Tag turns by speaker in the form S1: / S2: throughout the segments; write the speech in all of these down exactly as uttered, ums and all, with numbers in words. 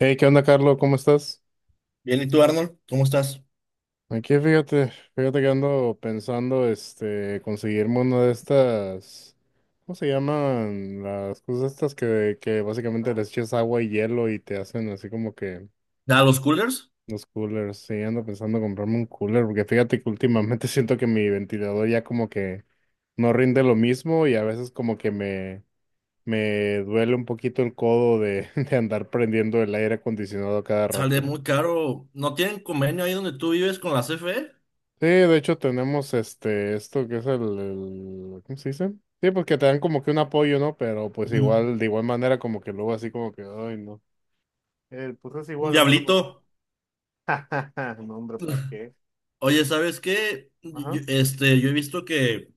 S1: Hey, ¿qué onda, Carlos? ¿Cómo estás?
S2: Bien, ¿y tú, Arnold? ¿Cómo estás?
S1: Aquí, fíjate, fíjate que ando pensando, este, conseguirme una de estas, ¿cómo se llaman? Las cosas estas que, que básicamente les echas agua y hielo y te hacen así como que
S2: A los coolers
S1: los coolers. Sí, ando pensando comprarme un cooler, porque fíjate que últimamente siento que mi ventilador ya como que no rinde lo mismo y a veces como que me, me duele un poquito el codo de, de andar prendiendo el aire acondicionado a cada
S2: sale
S1: rato.
S2: muy caro. ¿No tienen convenio ahí donde tú vives con la C F E?
S1: Sí, de hecho tenemos este, esto que es el, el- ¿cómo se dice? Sí, porque te dan como que un apoyo, ¿no? Pero pues
S2: Mm.
S1: igual, de igual manera como que luego así como que, ay, no. Eh, pues es
S2: Un
S1: igual en verba.
S2: diablito.
S1: No, hombre, ¿para qué?
S2: Oye, ¿sabes qué?
S1: Ajá.
S2: Yo- este, yo he visto que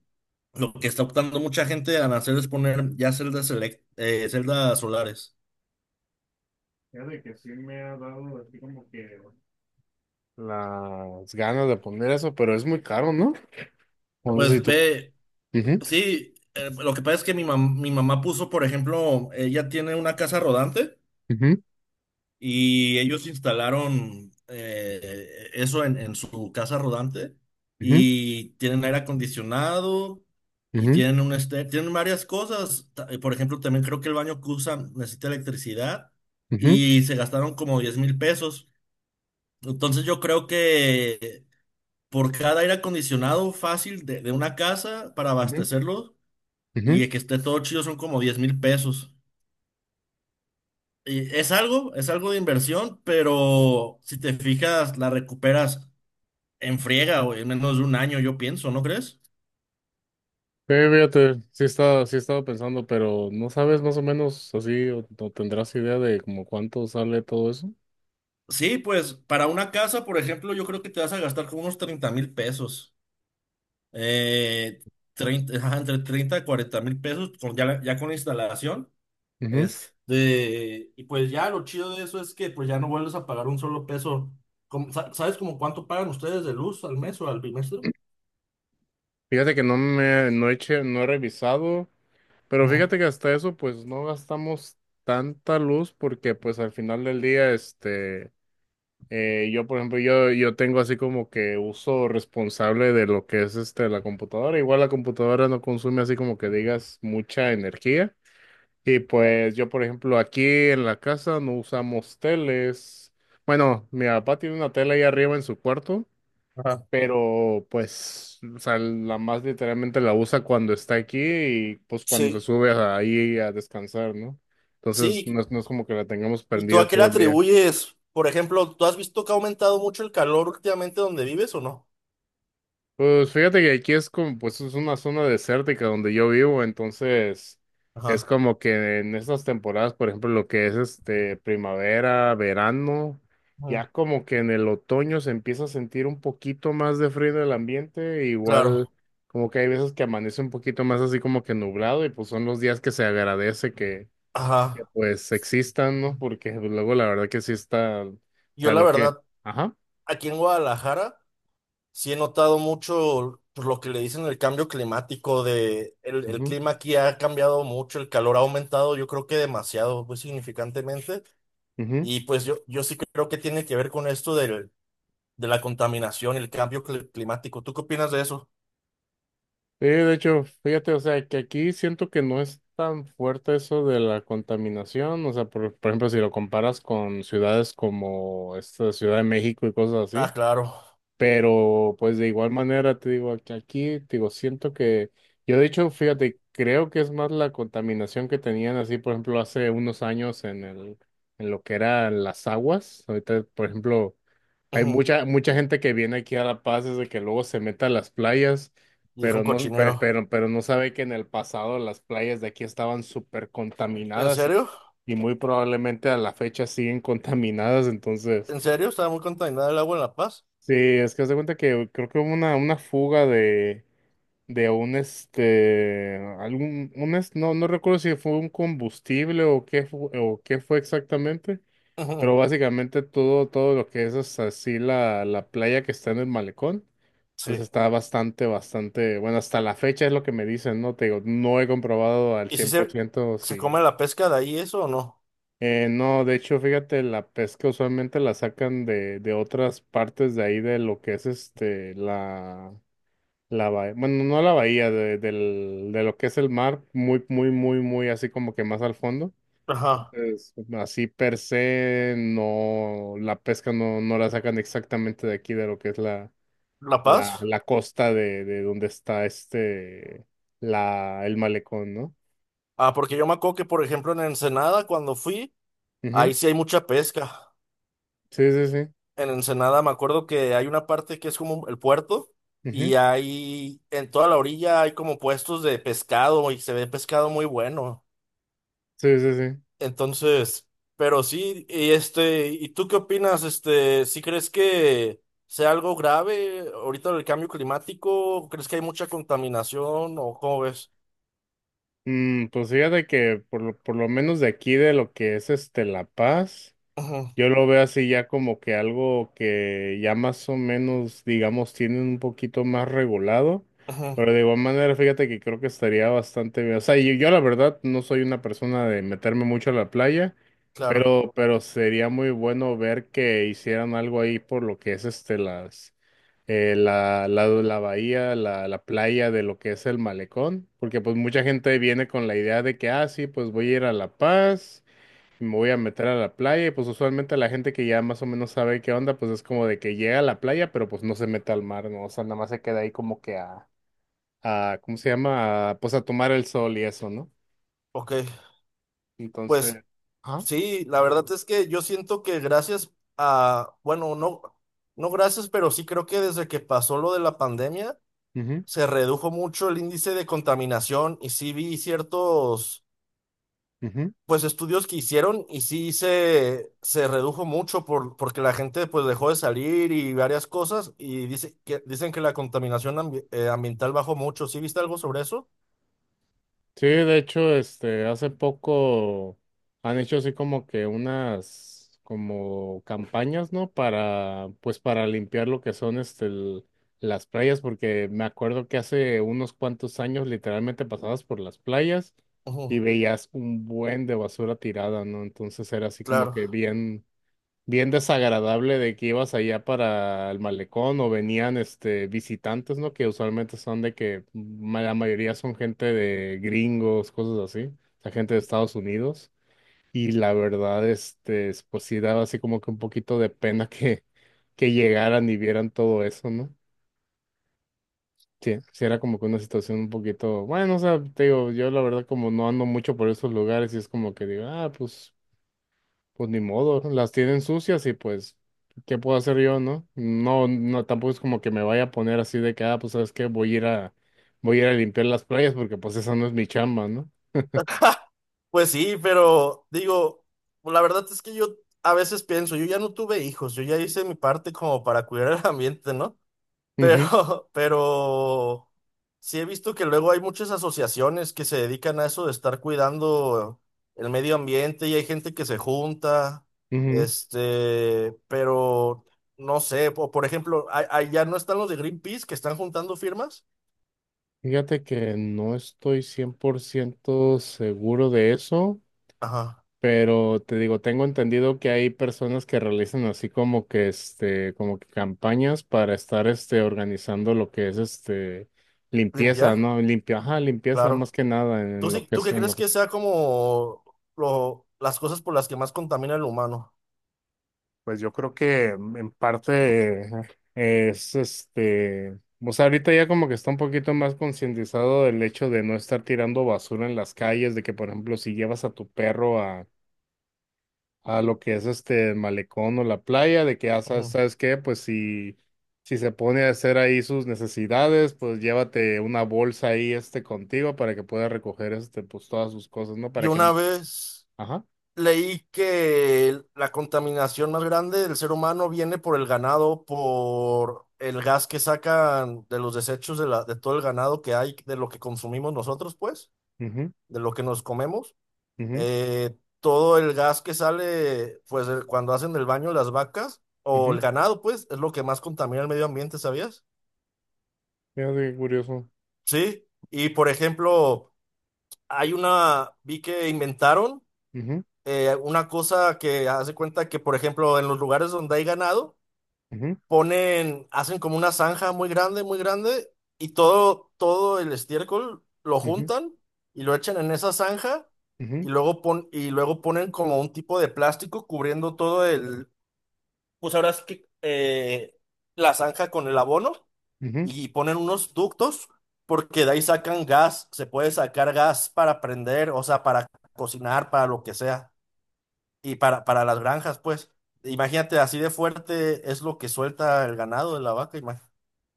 S2: lo que está optando mucha gente a hacer es poner ya celdas, elec- eh, celdas solares.
S1: Fíjate que sí me ha dado así como que las ganas de poner eso, pero es muy caro, ¿no? O no sé si
S2: Pues
S1: tú.
S2: ve,
S1: Ujú,
S2: sí, eh, lo que pasa es que mi mam- mi mamá puso, por ejemplo, ella tiene una casa rodante.
S1: ujú,
S2: Y ellos instalaron eh, eso en, en su casa rodante
S1: ujú,
S2: y tienen aire acondicionado y tienen un este, tienen varias cosas. Ta- eh, Por ejemplo, también creo que el baño que usan necesita electricidad
S1: ujú, ujú,
S2: y se gastaron como diez mil pesos. Entonces yo creo que por cada aire acondicionado fácil de, de una casa para
S1: ujú,
S2: abastecerlo
S1: ujú.
S2: y que esté todo chido son como diez mil pesos. Y es algo, es algo de inversión, pero si te fijas, la recuperas en friega o en menos de un año, yo pienso, ¿no crees?
S1: Sí, fíjate, sí estaba, sí estaba pensando, pero ¿no sabes más o menos así o, o tendrás idea de como cuánto sale todo eso?
S2: Sí, pues para una casa, por ejemplo, yo creo que te vas a gastar como unos treinta mil pesos. Eh, treinta, ajá, entre treinta y cuarenta mil pesos con, ya, la- ya con la instalación.
S1: Ujú.
S2: Este, y pues ya lo chido de eso es que pues ya no vuelves a pagar un solo peso. Como- sa- ¿Sabes como cuánto pagan ustedes de luz al mes o al bimestre?
S1: Fíjate que no me, no he che- no he revisado, pero
S2: Mm,
S1: fíjate que hasta eso pues no gastamos tanta luz porque pues al final del día, este, eh, yo por ejemplo, yo, yo tengo así como que uso responsable de lo que es este, la computadora. Igual la computadora no consume así como que digas mucha energía. Y pues yo, por ejemplo, aquí en la casa no usamos teles. Bueno, mi papá tiene una tele ahí arriba en su cuarto,
S2: ajá.
S1: pero pues, o sea, la más literalmente la usa cuando está aquí y pues cuando se
S2: Sí.
S1: sube a- ahí a descansar, ¿no? Entonces,
S2: Sí,
S1: no es, no es como que la tengamos
S2: ¿y tú
S1: prendida
S2: a qué le
S1: todo el día.
S2: atribuyes? Por ejemplo, ¿tú has visto que ha aumentado mucho el calor últimamente donde vives o no?
S1: Pues fíjate que aquí es como, pues es una zona desértica donde yo vivo, entonces es
S2: Ajá.
S1: como que en estas temporadas, por ejemplo, lo que es este primavera, verano,
S2: Mm.
S1: ya como que en el otoño se empieza a sentir un poquito más de frío en el ambiente, igual
S2: Claro.
S1: como que hay veces que amanece un poquito más así como que nublado y pues son los días que se agradece que, que
S2: Ajá.
S1: pues existan, ¿no? Porque pues, luego la verdad que sí está, o
S2: Yo
S1: sea,
S2: la
S1: lo que,
S2: verdad,
S1: ajá,
S2: aquí en Guadalajara sí he notado mucho pues, lo que le dicen el cambio climático de el, el
S1: mhm.
S2: clima aquí ha cambiado mucho, el calor ha aumentado, yo creo que demasiado, pues significantemente. Y pues yo, yo sí creo que tiene que ver con esto del, de la contaminación y el cambio cli- climático. ¿Tú qué opinas de eso?
S1: Sí, de hecho, fíjate, o sea, que aquí siento que no es tan fuerte eso de la contaminación, o sea, por, por ejemplo, si lo comparas con ciudades como esta Ciudad de México y cosas
S2: Ah,
S1: así,
S2: claro.
S1: pero pues de igual manera te digo que aquí, te digo, siento que yo de hecho, fíjate, creo que es más la contaminación que tenían así, por ejemplo, hace unos años en el, en lo que eran las aguas. Ahorita, por ejemplo, hay
S2: Ujú.
S1: mucha, mucha gente que viene aquí a La Paz desde que luego se mete a las playas,
S2: Y es un
S1: pero no, pe-
S2: cochinero.
S1: pero, pero no sabe que en el pasado las playas de aquí estaban súper
S2: ¿En
S1: contaminadas y,
S2: serio?
S1: y muy probablemente a la fecha siguen contaminadas, entonces.
S2: ¿En serio? Estaba muy contaminada el agua en La Paz.
S1: Sí, es que haz de cuenta que creo que hubo una, una fuga de, de un este algún un es- no, no recuerdo si fue un combustible o qué fu- o qué fue exactamente,
S2: Ujú.
S1: pero básicamente todo, todo lo que es hasta así la, la playa que está en el malecón, pues
S2: Sí.
S1: está bastante, bastante, bueno, hasta la fecha es lo que me dicen, ¿no? Te digo, no he comprobado al
S2: ¿Y si se,
S1: cien por ciento
S2: se
S1: si
S2: come la pesca de ahí eso o no?
S1: eh, no, de hecho, fíjate, la pesca usualmente la sacan de, de otras partes de ahí de lo que es este la la bahía, bueno, no la bahía, de, del- de lo que es el mar, muy, muy, muy, muy así como que más al fondo.
S2: Ajá.
S1: Entonces, así per se, no, la pesca no, no la sacan exactamente de aquí, de lo que es la,
S2: ¿La Paz?
S1: la, la costa de, de donde está este, la, el malecón, ¿no?
S2: Ah, porque yo me acuerdo que, por ejemplo, en Ensenada, cuando fui,
S1: Ujú.
S2: ahí sí hay mucha pesca.
S1: Sí, sí, sí.
S2: En Ensenada me acuerdo que hay una parte que es como el puerto
S1: Ujú.
S2: y ahí en toda la orilla hay como puestos de pescado y se ve pescado muy bueno.
S1: Sí, sí, sí.
S2: Entonces, pero sí, y este, ¿y tú qué opinas? Este, ¿si crees que sea algo grave ahorita el cambio climático? ¿Crees que hay mucha contaminación o cómo ves?
S1: Mm, pues fíjate que por, lo- por lo menos de aquí, de lo que es este La Paz.
S2: Ujú,
S1: Yo lo veo así ya como que algo que ya más o menos, digamos, tienen un poquito más regulado,
S2: ujú,
S1: pero de igual manera, fíjate que creo que estaría bastante bien. O sea, yo, yo la verdad no soy una persona de meterme mucho a la playa,
S2: claro,
S1: pero, pero sería muy bueno ver que hicieran algo ahí por lo que es este las eh, la, la, la bahía, la, la playa de lo que es el malecón, porque pues mucha gente viene con la idea de que, ah, sí, pues voy a ir a La Paz, me voy a meter a la playa y pues usualmente la gente que ya más o menos sabe qué onda, pues es como de que llega a la playa, pero pues no se mete al mar, ¿no? O sea, nada más se queda ahí como que a, a ¿cómo se llama? A, pues a tomar el sol y eso, ¿no?
S2: ok. Pues
S1: Entonces, ajá,
S2: sí, la verdad es que yo siento que gracias a, bueno, no, no gracias, pero sí creo que desde que pasó lo de la pandemia
S1: ujú,
S2: se redujo mucho el índice de contaminación y sí vi ciertos
S1: ujú.
S2: Pues estudios que hicieron y sí se, se redujo mucho por, porque la gente pues dejó de salir y varias cosas y dice que, dicen que la contaminación ambi- eh, ambiental bajó mucho. ¿Sí viste algo sobre eso?
S1: Sí, de hecho, este, hace poco han hecho así como que unas como campañas, ¿no? Para, pues para limpiar lo que son este el- las playas, porque me acuerdo que hace unos cuantos años literalmente pasabas por las playas y
S2: Ujú,
S1: veías un buen de basura tirada, ¿no? Entonces era así como
S2: claro.
S1: que bien bien desagradable de que ibas allá para el malecón o venían este visitantes, ¿no? Que usualmente son de que ma- la mayoría son gente de gringos, cosas así, o sea, gente de Estados Unidos. Y la verdad, este, es- pues sí daba así como que un poquito de pena que, que llegaran y vieran todo eso, ¿no? Sí, sí era como que una situación un poquito, bueno, o sea, te digo, yo la verdad como no ando mucho por esos lugares y es como que digo, ah, pues. Pues ni modo, las tienen sucias y pues, ¿qué puedo hacer yo, no? No, no, tampoco es como que me vaya a poner así de que, ah, pues, ¿sabes qué? Voy a ir a, voy a ir a limpiar las playas porque pues esa no es mi chamba, ¿no?
S2: Pues sí, pero digo, la verdad es que yo a veces pienso, yo ya no tuve hijos, yo ya hice mi parte como para cuidar el ambiente, ¿no?
S1: Ujú,
S2: Pero, pero sí he visto que luego hay muchas asociaciones que se dedican a eso de estar cuidando el medio ambiente y hay gente que se junta,
S1: ujú.
S2: este, pero no sé, po- por ejemplo, a- allá no están los de Greenpeace que están juntando firmas.
S1: Fíjate que no estoy cien por ciento seguro de eso,
S2: Ajá,
S1: pero te digo, tengo entendido que hay personas que realizan así como que, este, como que campañas para estar, este, organizando lo que es, este, limpieza,
S2: limpiar,
S1: ¿no? Limpia, ajá, limpieza más
S2: claro.
S1: que nada en
S2: ¿Tú
S1: en lo
S2: sí,
S1: que
S2: tú
S1: es,
S2: qué
S1: en
S2: crees
S1: lo
S2: que sea como lo, las cosas por las que más contamina el humano?
S1: pues yo creo que en parte eh, es este, o sea, ahorita ya como que está un poquito más concientizado del hecho de no estar tirando basura en las calles, de que por ejemplo si llevas a tu perro a, a lo que es este el malecón o la playa, de que ya sabes,
S2: Ujú.
S1: ¿sabes qué? Pues si, si se pone a hacer ahí sus necesidades, pues llévate una bolsa ahí este contigo para que pueda recoger este pues todas sus cosas, ¿no?
S2: Y
S1: Para que no.
S2: una vez.
S1: Ajá.
S2: Leí que la contaminación más grande del ser humano viene por el ganado, por el gas que sacan de los desechos de, la, de todo el ganado que hay, de lo que consumimos nosotros, pues,
S1: Mhm.
S2: de lo que nos comemos.
S1: Mhm.
S2: Eh, todo el gas que sale, pues, de- cuando hacen el baño las vacas o el
S1: Mhm.
S2: ganado, pues, es lo que más contamina el medio ambiente, ¿sabías?
S1: Fíjate qué curioso.
S2: Sí. Y, por ejemplo, hay una, vi que inventaron
S1: Mhm.
S2: eh, una cosa que hace cuenta que, por ejemplo, en los lugares donde hay ganado,
S1: Mhm.
S2: ponen, hacen como una zanja muy grande, muy grande, y todo, todo el estiércol lo
S1: Mhm.
S2: juntan y lo echan en esa zanja y
S1: Ujú,
S2: luego pon, y luego ponen como un tipo de plástico cubriendo todo el, pues ahora es que eh, la zanja con el abono
S1: ujú.
S2: y ponen unos ductos porque de ahí sacan gas, se puede sacar gas para prender, o sea, para cocinar, para lo que sea, y para, para las granjas, pues. Imagínate, así de fuerte es lo que suelta el ganado de la vaca.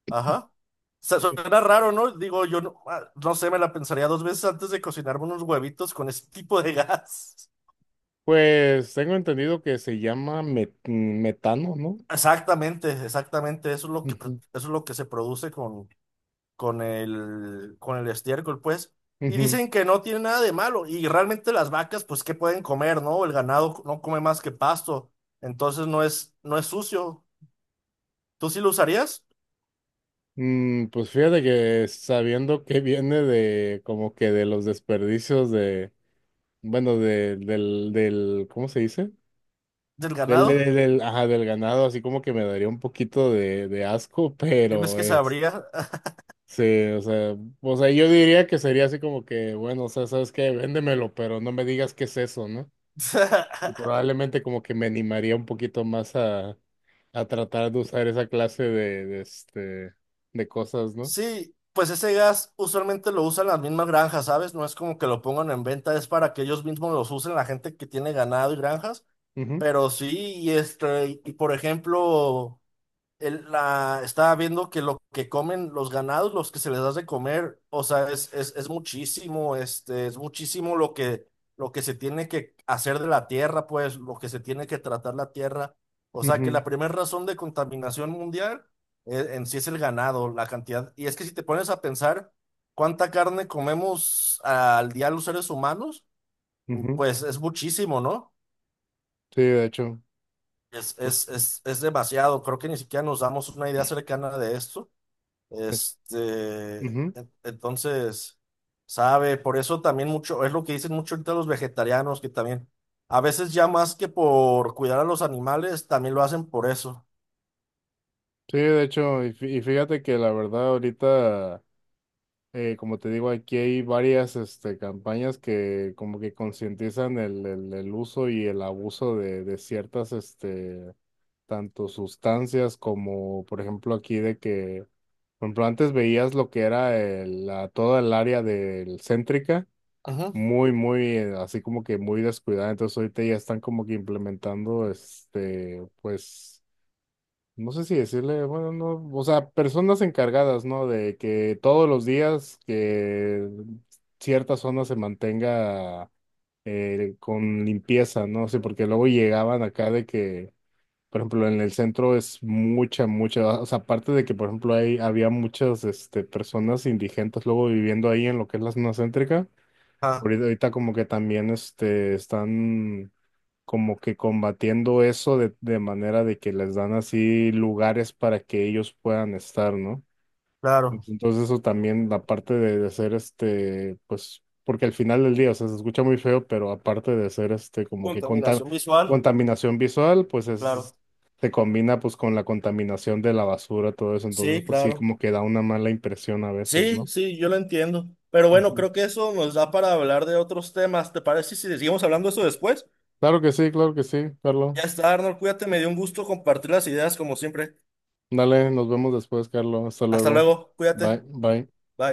S2: Ajá. Su- Suena raro, ¿no? Digo, yo no, ah, no sé, me la pensaría dos veces antes de cocinarme unos huevitos con ese tipo de gas.
S1: Pues tengo entendido que se llama met- metano, ¿no?
S2: Exactamente, exactamente. Eso es lo que, pro-
S1: Ujú,
S2: eso es lo que se produce con, con el, con el estiércol, pues. Y
S1: ujú.
S2: dicen que no tiene nada de malo. Y realmente las vacas, pues, ¿qué pueden comer, no? El ganado no come más que pasto. Entonces no es, no es sucio. ¿Tú sí lo usarías
S1: Mm, pues fíjate que sabiendo que viene de como que de los desperdicios de, bueno, de, del, del, ¿cómo se dice?
S2: del
S1: Del,
S2: ganado?
S1: del, del- ajá, del ganado, así como que me daría un poquito de, de asco,
S2: ¿Crees
S1: pero
S2: que
S1: es,
S2: sabría?
S1: sí, o sea, o sea, yo diría que sería así como que, bueno, o sea, ¿sabes qué? Véndemelo, pero no me digas qué es eso, ¿no? Y probablemente como que me animaría un poquito más a, a tratar de usar esa clase de, de, este, de cosas, ¿no?
S2: Sí, pues ese gas usualmente lo usan las mismas granjas, ¿sabes? No es como que lo pongan en venta, es para que ellos mismos los usen, la gente que tiene ganado y granjas.
S1: Ujú,
S2: Pero sí, y este, y por ejemplo el- la, estaba viendo que lo que comen los ganados, los que se les da de comer, o sea, es, es, es muchísimo, este, es muchísimo lo que, lo que se tiene que hacer de la tierra, pues, lo que se tiene que tratar la tierra. O sea, que la
S1: ujú,
S2: primera razón de contaminación mundial eh, en sí es el ganado, la cantidad. Y es que si te pones a pensar cuánta carne comemos al día los seres humanos,
S1: ujú.
S2: pues es muchísimo, ¿no?
S1: Sí, de hecho,
S2: Es,
S1: pues
S2: es, es, es demasiado. Creo que ni siquiera nos damos una idea cercana de esto.
S1: es-
S2: Este,
S1: ujú.
S2: en- entonces, sabe, por eso también mucho, es lo que dicen mucho ahorita los vegetarianos, que también, a veces ya más que por cuidar a los animales, también lo hacen por eso.
S1: Sí, de hecho, y fí- y fíjate que la verdad ahorita, eh, como te digo, aquí hay varias este, campañas que como que concientizan el, el, el uso y el abuso de, de ciertas este, tanto sustancias como, por ejemplo, aquí de que, por ejemplo, antes veías lo que era el- la, toda el área del Céntrica,
S2: Ujú.
S1: muy, muy, eh, así como que muy descuidada, entonces ahorita ya están como que implementando, este, pues, no sé si decirle, bueno, no, o sea, personas encargadas, ¿no? De que todos los días que cierta zona se mantenga eh, con limpieza, ¿no? Sí, porque luego llegaban acá de que por ejemplo, en el centro es mucha, mucha, o sea, aparte de que, por ejemplo, hay había muchas, este, personas indigentes luego viviendo ahí en lo que es la zona céntrica,
S2: Ah,
S1: ahorita, ahorita como que también, este, están como que combatiendo eso de, de manera de que les dan así lugares para que ellos puedan estar, ¿no?
S2: claro.
S1: Pues, entonces eso también, la parte de, de ser este, pues, porque al final del día, o sea, se escucha muy feo, pero aparte de ser este, como que conta-
S2: Contaminación visual,
S1: contaminación visual, pues es,
S2: claro.
S1: se combina pues con la contaminación de la basura, todo eso, entonces
S2: Sí,
S1: pues sí,
S2: claro.
S1: como que da una mala impresión a veces,
S2: Sí,
S1: ¿no?
S2: sí, yo lo entiendo. Pero bueno,
S1: Ujú.
S2: creo que eso nos da para hablar de otros temas. ¿Te parece si seguimos hablando de eso después?
S1: Claro que sí, claro que sí, Carlos.
S2: Ya está, Arnold, cuídate, me dio un gusto compartir las ideas como siempre.
S1: Dale, nos vemos después, Carlos. Hasta
S2: Hasta
S1: luego.
S2: luego,
S1: Bye,
S2: cuídate.
S1: bye.
S2: Bye.